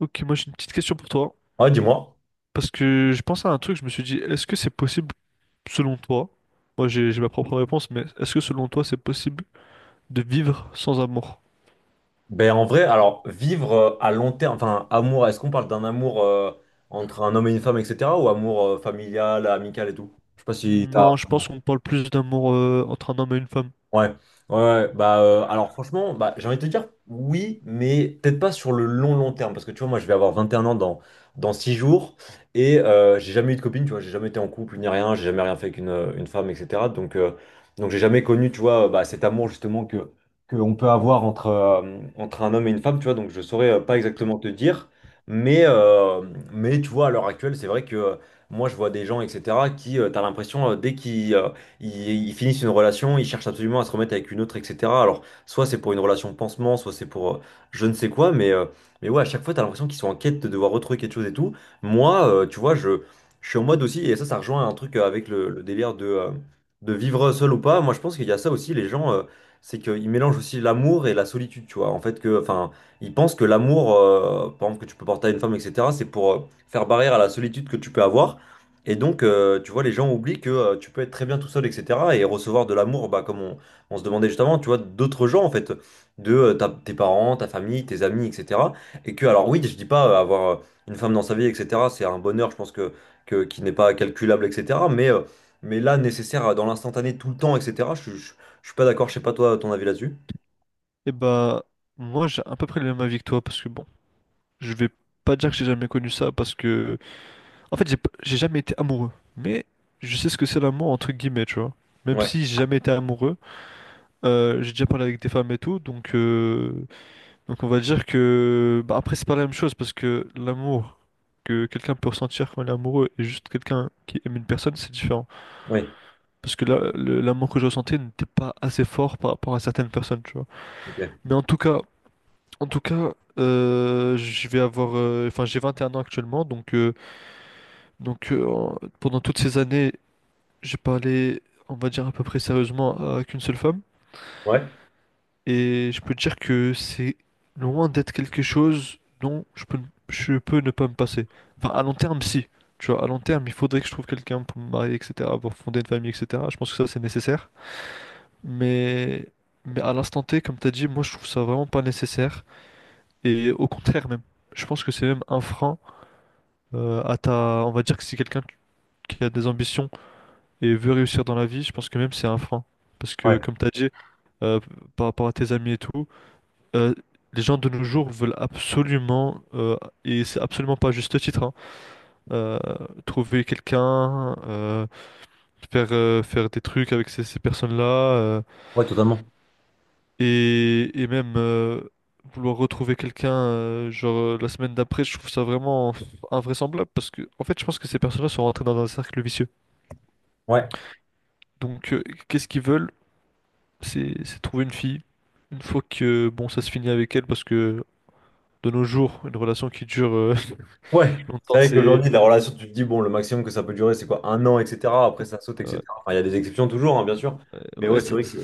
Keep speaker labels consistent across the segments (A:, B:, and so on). A: Ok, moi j'ai une petite question pour toi.
B: Ouais, dis-moi.
A: Parce que je pensais à un truc, je me suis dit, est-ce que c'est possible selon toi? Moi j'ai ma propre réponse, mais est-ce que selon toi c'est possible de vivre sans amour?
B: Ben, en vrai, alors, vivre à long terme, enfin, amour, est-ce qu'on parle d'un amour entre un homme et une femme, etc., ou amour familial, amical et tout? Je sais pas si t'as.
A: Non, je pense qu'on parle plus d'amour entre un homme et une femme.
B: Ouais, ouais, ouais. Bah alors franchement, bah, j'ai envie de te dire oui, mais peut-être pas sur le long long terme, parce que tu vois, moi je vais avoir 21 ans dans 6 jours, et j'ai jamais eu de copine, tu vois, j'ai jamais été en couple ni rien, j'ai jamais rien fait avec une femme, etc. Donc j'ai jamais connu, tu vois, bah, cet amour justement que on peut avoir entre un homme et une femme, tu vois, donc je saurais pas exactement te dire, mais, euh, mais tu vois, à l'heure actuelle, c'est vrai que moi je vois des gens, etc., t'as l'impression, ils finissent une relation, ils cherchent absolument à se remettre avec une autre, etc. Alors, soit c'est pour une relation pansement, soit c'est pour je ne sais quoi, mais ouais, à chaque fois, t'as l'impression qu'ils sont en quête de devoir retrouver quelque chose et tout. Moi, tu vois, je suis en mode aussi, et ça rejoint un truc avec le délire de vivre seul ou pas. Moi, je pense qu'il y a ça aussi, les gens, c'est qu'ils mélangent aussi l'amour et la solitude, tu vois. En fait, que, enfin, ils pensent que l'amour, par exemple, que tu peux porter à une femme, etc., c'est pour faire barrière à la solitude que tu peux avoir. Et donc, tu vois, les gens oublient que tu peux être très bien tout seul, etc. Et recevoir de l'amour, bah, comme on se demandait justement, tu vois, d'autres gens, en fait, tes parents, ta famille, tes amis, etc. Et que, alors oui, je dis pas avoir une femme dans sa vie, etc., c'est un bonheur, je pense, qui n'est pas calculable, etc. Mais là, nécessaire dans l'instantané, tout le temps, etc., je suis pas d'accord, je sais pas toi, ton avis là-dessus.
A: Et bah, moi j'ai à peu près le même avis que toi, parce que bon, je vais pas dire que j'ai jamais connu ça, parce que en fait j'ai jamais été amoureux. Mais je sais ce que c'est l'amour entre guillemets, tu vois. Même
B: Ouais,
A: si j'ai jamais été amoureux, j'ai déjà parlé avec des femmes et tout, donc. Donc on va dire que bah, après c'est pas la même chose parce que l'amour que quelqu'un peut ressentir quand il est amoureux et juste quelqu'un qui aime une personne c'est différent
B: ouais,
A: parce que là l'amour que je ressentais n'était pas assez fort par rapport à certaines personnes, tu vois,
B: ok.
A: mais en tout cas je vais avoir enfin j'ai 21 ans actuellement donc pendant toutes ces années j'ai parlé on va dire à peu près sérieusement à qu'une seule femme.
B: Ouais,
A: Et je peux te dire que c'est loin d'être quelque chose dont je peux ne pas me passer. Enfin, à long terme, si. Tu vois, à long terme, il faudrait que je trouve quelqu'un pour me marier, etc., pour fonder une famille, etc. Je pense que ça, c'est nécessaire. Mais, mais à l'instant T, comme tu as dit, moi, je trouve ça vraiment pas nécessaire. Et au contraire, même. Je pense que c'est même un frein à ta... On va dire que si quelqu'un qui a des ambitions et veut réussir dans la vie, je pense que même c'est un frein. Parce que,
B: ouais,
A: comme tu as dit, euh, par rapport à tes amis et tout. euh, les gens de nos jours veulent absolument, et c'est absolument pas à juste titre, hein, euh, trouver quelqu'un, faire des trucs avec ces personnes-là, euh,
B: ouais, totalement.
A: et, et même vouloir retrouver quelqu'un, la semaine d'après. Je trouve ça vraiment invraisemblable parce que, en fait, je pense que ces personnes-là sont rentrées dans un cercle vicieux.
B: Ouais.
A: Donc, qu'est-ce qu'ils veulent? C'est trouver une fille. Une fois que, bon, ça se finit avec elle parce que de nos jours, une relation qui dure
B: Ouais, c'est
A: longtemps,
B: vrai
A: c'est.
B: qu'aujourd'hui, la relation, tu te dis, bon, le maximum que ça peut durer, c'est quoi? Un an, etc. Après, ça saute,
A: euh,
B: etc. Enfin, il y a des exceptions toujours, hein, bien sûr.
A: Euh,
B: Mais ouais,
A: Ouais,
B: c'est vrai que.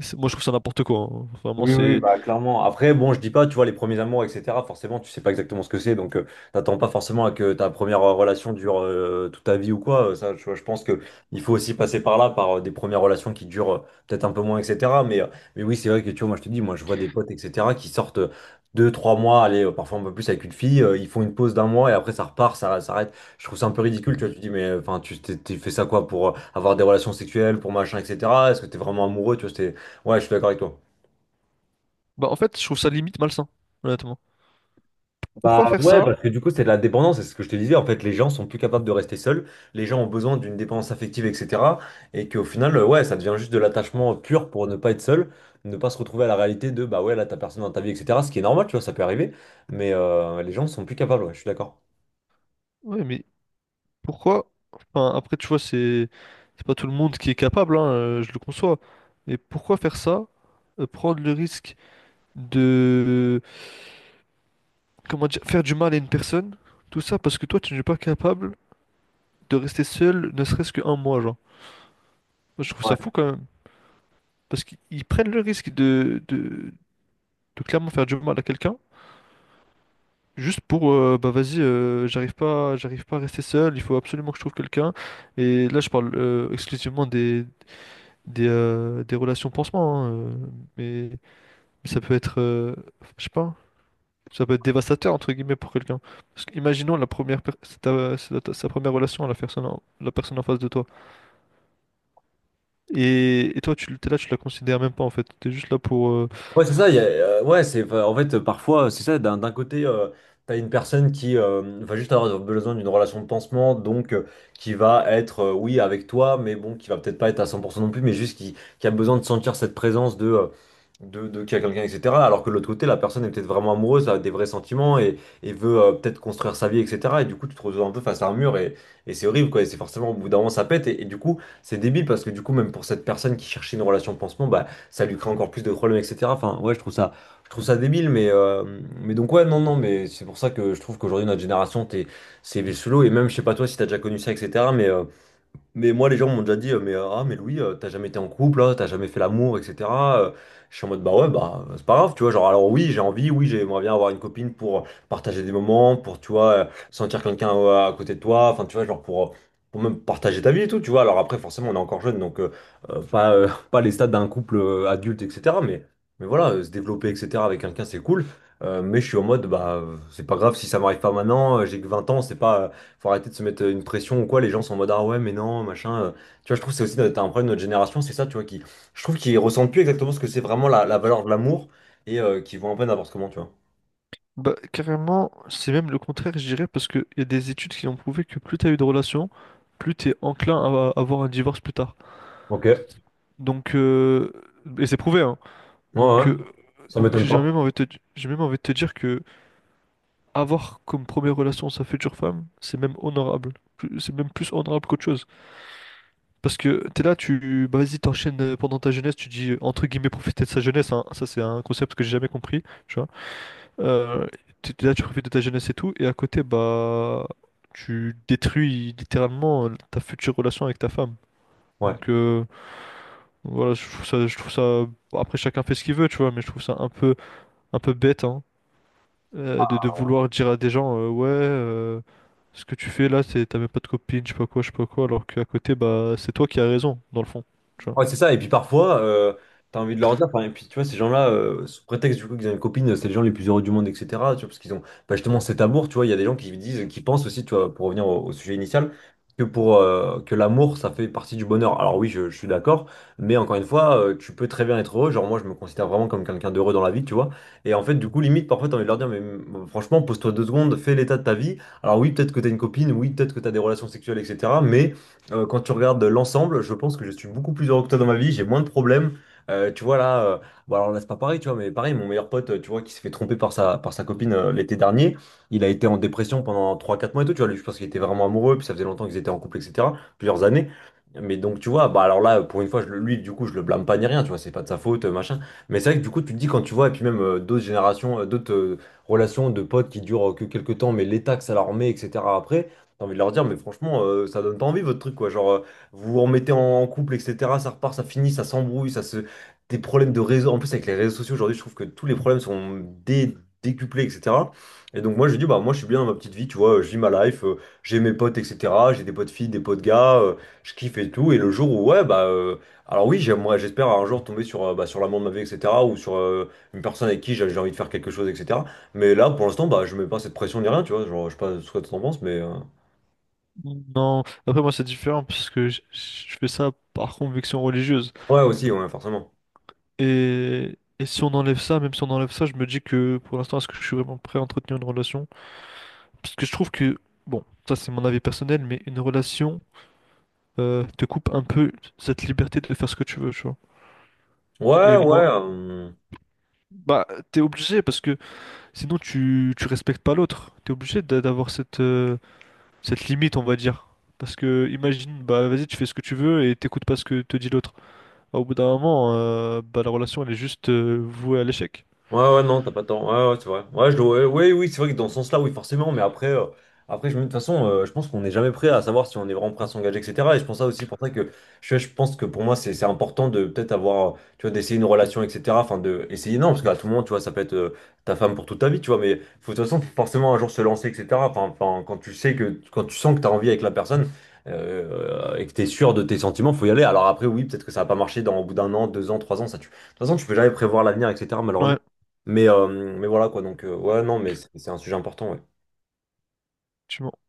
A: moi je trouve ça n'importe quoi, hein. Vraiment,
B: Oui, oui,
A: c'est.
B: bah clairement. Après, bon, je dis pas, tu vois, les premiers amours, etc. Forcément, tu sais pas exactement ce que c'est, donc t'attends pas forcément à que ta première relation dure toute ta vie ou quoi. Ça, je pense que il faut aussi passer par là, par des premières relations qui durent peut-être un peu moins, etc. Mais oui, c'est vrai que tu vois, moi je te dis, moi je vois des potes, etc. qui sortent deux, trois mois, allez, parfois un peu plus avec une fille, ils font une pause d'un mois et après ça repart, ça s'arrête. Je trouve ça un peu ridicule, tu vois. Tu te dis, mais enfin, tu t'es fait ça quoi pour avoir des relations sexuelles, pour machin, etc. Est-ce que t'es vraiment amoureux, tu vois, c'est. Ouais, je suis d'accord avec toi.
A: Bah, en fait, je trouve ça limite malsain, honnêtement.
B: Bah
A: Pourquoi faire
B: ouais,
A: ça?
B: parce que du coup, c'est de la dépendance, c'est ce que je te disais. En fait, les gens sont plus capables de rester seuls, les gens ont besoin d'une dépendance affective, etc. Et qu'au final, ouais, ça devient juste de l'attachement pur pour ne pas être seul, ne pas se retrouver à la réalité de bah ouais, là, t'as personne dans ta vie, etc. Ce qui est normal, tu vois, ça peut arriver, mais les gens sont plus capables, ouais, je suis d'accord.
A: Ouais, mais pourquoi? Enfin, après, tu vois, c'est pas tout le monde qui est capable, hein, je le conçois. Mais pourquoi faire ça? Prendre le risque de. Comment dire? Faire du mal à une personne, tout ça parce que toi, tu n'es pas capable de rester seul, ne serait-ce qu'un mois, genre. Moi, je trouve
B: Ouais.
A: ça fou quand même. Parce qu'ils ils prennent le risque de clairement faire du mal à quelqu'un. Juste pour, bah vas-y, j'arrive pas à rester seul, il faut absolument que je trouve quelqu'un. Et là, je parle exclusivement des relations pansement, hein, mais, mais ça peut être, je sais pas, ça peut être dévastateur, entre guillemets, pour quelqu'un. Parce que, imaginons la c'est sa première relation à la personne, la personne en face de toi. Et toi, t'es là, tu la considères même pas, en fait. T'es juste là pour,
B: Ouais, c'est ça. Ouais, c'est, enfin, en fait, parfois, c'est ça. D'un côté, t'as une personne qui va juste avoir besoin d'une relation de pansement, donc qui va être, oui, avec toi, mais bon, qui va peut-être pas être à 100% non plus, mais juste qui a besoin de sentir cette présence de qu'il y a quelqu'un, etc. Alors que de l'autre côté, la personne est peut-être vraiment amoureuse, a des vrais sentiments et veut peut-être construire sa vie, etc. Et du coup, tu te retrouves un peu face à un mur et c'est horrible, quoi. Et c'est forcément, au bout d'un moment, ça pète. Et du coup, c'est débile parce que du coup, même pour cette personne qui cherchait une relation de pansement, bah, ça lui crée encore plus de problèmes, etc. Enfin, ouais, je trouve ça débile, mais donc, ouais, non, non, mais c'est pour ça que je trouve qu'aujourd'hui, notre génération, t'es, c'est solo, et même, je sais pas toi si t'as déjà connu ça, etc., mais moi, les gens m'ont déjà dit, mais ah, mais Louis, t'as jamais été en couple, hein, t'as jamais fait l'amour, etc. Euh, je suis en mode, bah ouais, bah c'est pas grave, tu vois. Genre, alors oui, j'ai envie, oui, j'aimerais bien avoir une copine pour partager des moments, pour, tu vois, sentir quelqu'un à côté de toi, enfin, tu vois, genre pour même partager ta vie et tout, tu vois. Alors après, forcément, on est encore jeune, donc pas, pas les stades d'un couple adulte, etc. Mais voilà, se développer, etc. avec quelqu'un, c'est cool. Mais je suis en mode, bah, c'est pas grave si ça m'arrive pas maintenant, j'ai que 20 ans, c'est pas. Faut arrêter de se mettre une pression ou quoi, les gens sont en mode ah ouais mais non, machin. Tu vois, je trouve que c'est aussi un problème de notre génération, c'est ça, tu vois, qui, je trouve qu'ils ressentent plus exactement ce que c'est vraiment la valeur de l'amour et qui vont un peu n'importe comment, tu vois.
A: Bah, carrément, c'est même le contraire, je dirais, parce qu'il y a des études qui ont prouvé que plus t'as eu de relations, plus t'es enclin à avoir un divorce plus tard.
B: Ok, ouais,
A: Donc, et c'est prouvé, hein.
B: ouais,
A: Donc,
B: ça m'étonne pas.
A: j'ai même envie de te dire que avoir comme première relation sa future femme, c'est même honorable. C'est même plus honorable qu'autre chose. Parce que t'es là, bah, vas-y, t'enchaînes pendant ta jeunesse, tu dis, entre guillemets, profiter de sa jeunesse, hein. Ça, c'est un concept que j'ai jamais compris, tu vois. Euh, là, tu profites de ta jeunesse et tout, et à côté, bah, tu détruis littéralement ta future relation avec ta femme.
B: Ouais.
A: Donc, voilà, je trouve ça. Après, chacun fait ce qu'il veut, tu vois, mais je trouve ça un peu bête, hein, de vouloir dire à des gens, ce que tu fais là, c'est t'as même pas de copine, je sais pas quoi, alors qu'à côté, bah, c'est toi qui as raison, dans le fond, tu vois.
B: Ouais, c'est ça. Et puis parfois, t'as envie de leur dire, enfin, et puis tu vois, ces gens-là, sous prétexte du coup qu'ils ont une copine, c'est les gens les plus heureux du monde, etc. Tu vois, parce qu'ils ont bah, justement cet amour. Tu vois, il y a des gens qui disent, qui pensent aussi, tu vois, pour revenir au sujet initial, que pour que l'amour, ça fait partie du bonheur. Alors oui, je suis d'accord. Mais encore une fois, tu peux très bien être heureux. Genre moi, je me considère vraiment comme quelqu'un d'heureux dans la vie, tu vois. Et en fait, du coup, limite, parfois, t'as envie de leur dire, mais franchement, pose-toi deux secondes, fais l'état de ta vie. Alors oui, peut-être que t'as une copine, oui, peut-être que t'as des relations sexuelles, etc. Quand tu regardes l'ensemble, je pense que je suis beaucoup plus heureux que toi dans ma vie, j'ai moins de problèmes. Tu vois là, bon alors là c'est pas pareil, tu vois, mais pareil, mon meilleur pote, tu vois, qui s'est fait tromper par sa copine l'été dernier, il a été en dépression pendant trois quatre mois et tout, tu vois, lui je pense qu'il était vraiment amoureux, puis ça faisait longtemps qu'ils étaient en couple, etc., plusieurs années. Mais donc tu vois, bah alors là, pour une fois, lui du coup, je le blâme pas ni rien, tu vois, c'est pas de sa faute, machin. Mais c'est vrai que du coup, tu te dis quand tu vois, et puis même d'autres générations, d'autres relations de potes qui durent que quelques temps, mais l'état que ça leur met, etc. après. T'as envie de leur dire, mais franchement, ça donne pas envie votre truc, quoi. Genre, vous vous remettez en couple, etc. Ça repart, ça finit, ça s'embrouille, ça se. Des problèmes de réseau. En plus, avec les réseaux sociaux aujourd'hui, je trouve que tous les problèmes sont décuplés, etc. Et donc, moi, je dis, bah, moi, je suis bien dans ma petite vie, tu vois, je vis ma life, j'ai mes potes, etc. J'ai des potes filles, des potes gars, je kiffe et tout. Et le jour où, ouais, bah, alors, oui, j'aimerais, j'espère un jour tomber sur, bah, sur l'amour de ma vie, etc. Ou sur une personne avec qui j'ai envie de faire quelque chose, etc. Mais là, pour l'instant, bah, je mets pas cette pression ni rien, tu vois. Genre, je sais pas ce que t'en penses.
A: Non, après moi c'est différent parce que je fais ça par conviction religieuse.
B: Ouais, aussi, ouais, forcément.
A: Et si on enlève ça, même si on enlève ça, je me dis que pour l'instant, est-ce que je suis vraiment prêt à entretenir une relation? Parce que je trouve que, bon, ça c'est mon avis personnel, mais une relation te coupe un peu cette liberté de faire ce que tu veux, tu vois.
B: Ouais,
A: Et
B: ouais.
A: moi, bah, t'es obligé parce que sinon tu respectes pas l'autre. T'es obligé d'avoir cette, cette limite, on va dire. Parce que imagine, bah vas-y, tu fais ce que tu veux et t'écoutes pas ce que te dit l'autre. Bah, au bout d'un moment, bah, la relation elle est juste vouée à l'échec.
B: Ouais, ouais, non, t'as pas tort. Ouais, ouais, c'est vrai. Ouais, ouais, ouais, oui, c'est vrai que dans ce sens-là, oui, forcément. Mais après de toute façon, je pense qu'on n'est jamais prêt à savoir si on est vraiment prêt à s'engager, etc. Et je pense ça aussi pour ça que je pense que pour moi, c'est important de peut-être avoir, tu vois, d'essayer une relation, etc. Enfin, de essayer, non, parce qu'à tout moment, tu vois, ça peut être ta femme pour toute ta vie, tu vois. Mais faut, de toute façon, faut forcément un jour se lancer, etc. Enfin, quand tu sais quand tu sens que t'as envie avec la personne, et que t'es sûr de tes sentiments, faut y aller. Alors après, oui, peut-être que ça va pas marcher dans au bout d'un an, 2 ans, 3 ans, ça tu. De toute façon, tu peux jamais prévoir l'avenir, etc. Malheureusement.
A: Ouais,
B: Mais, euh, mais voilà quoi, donc ouais, non, mais c'est un sujet important. Ouais.
A: tu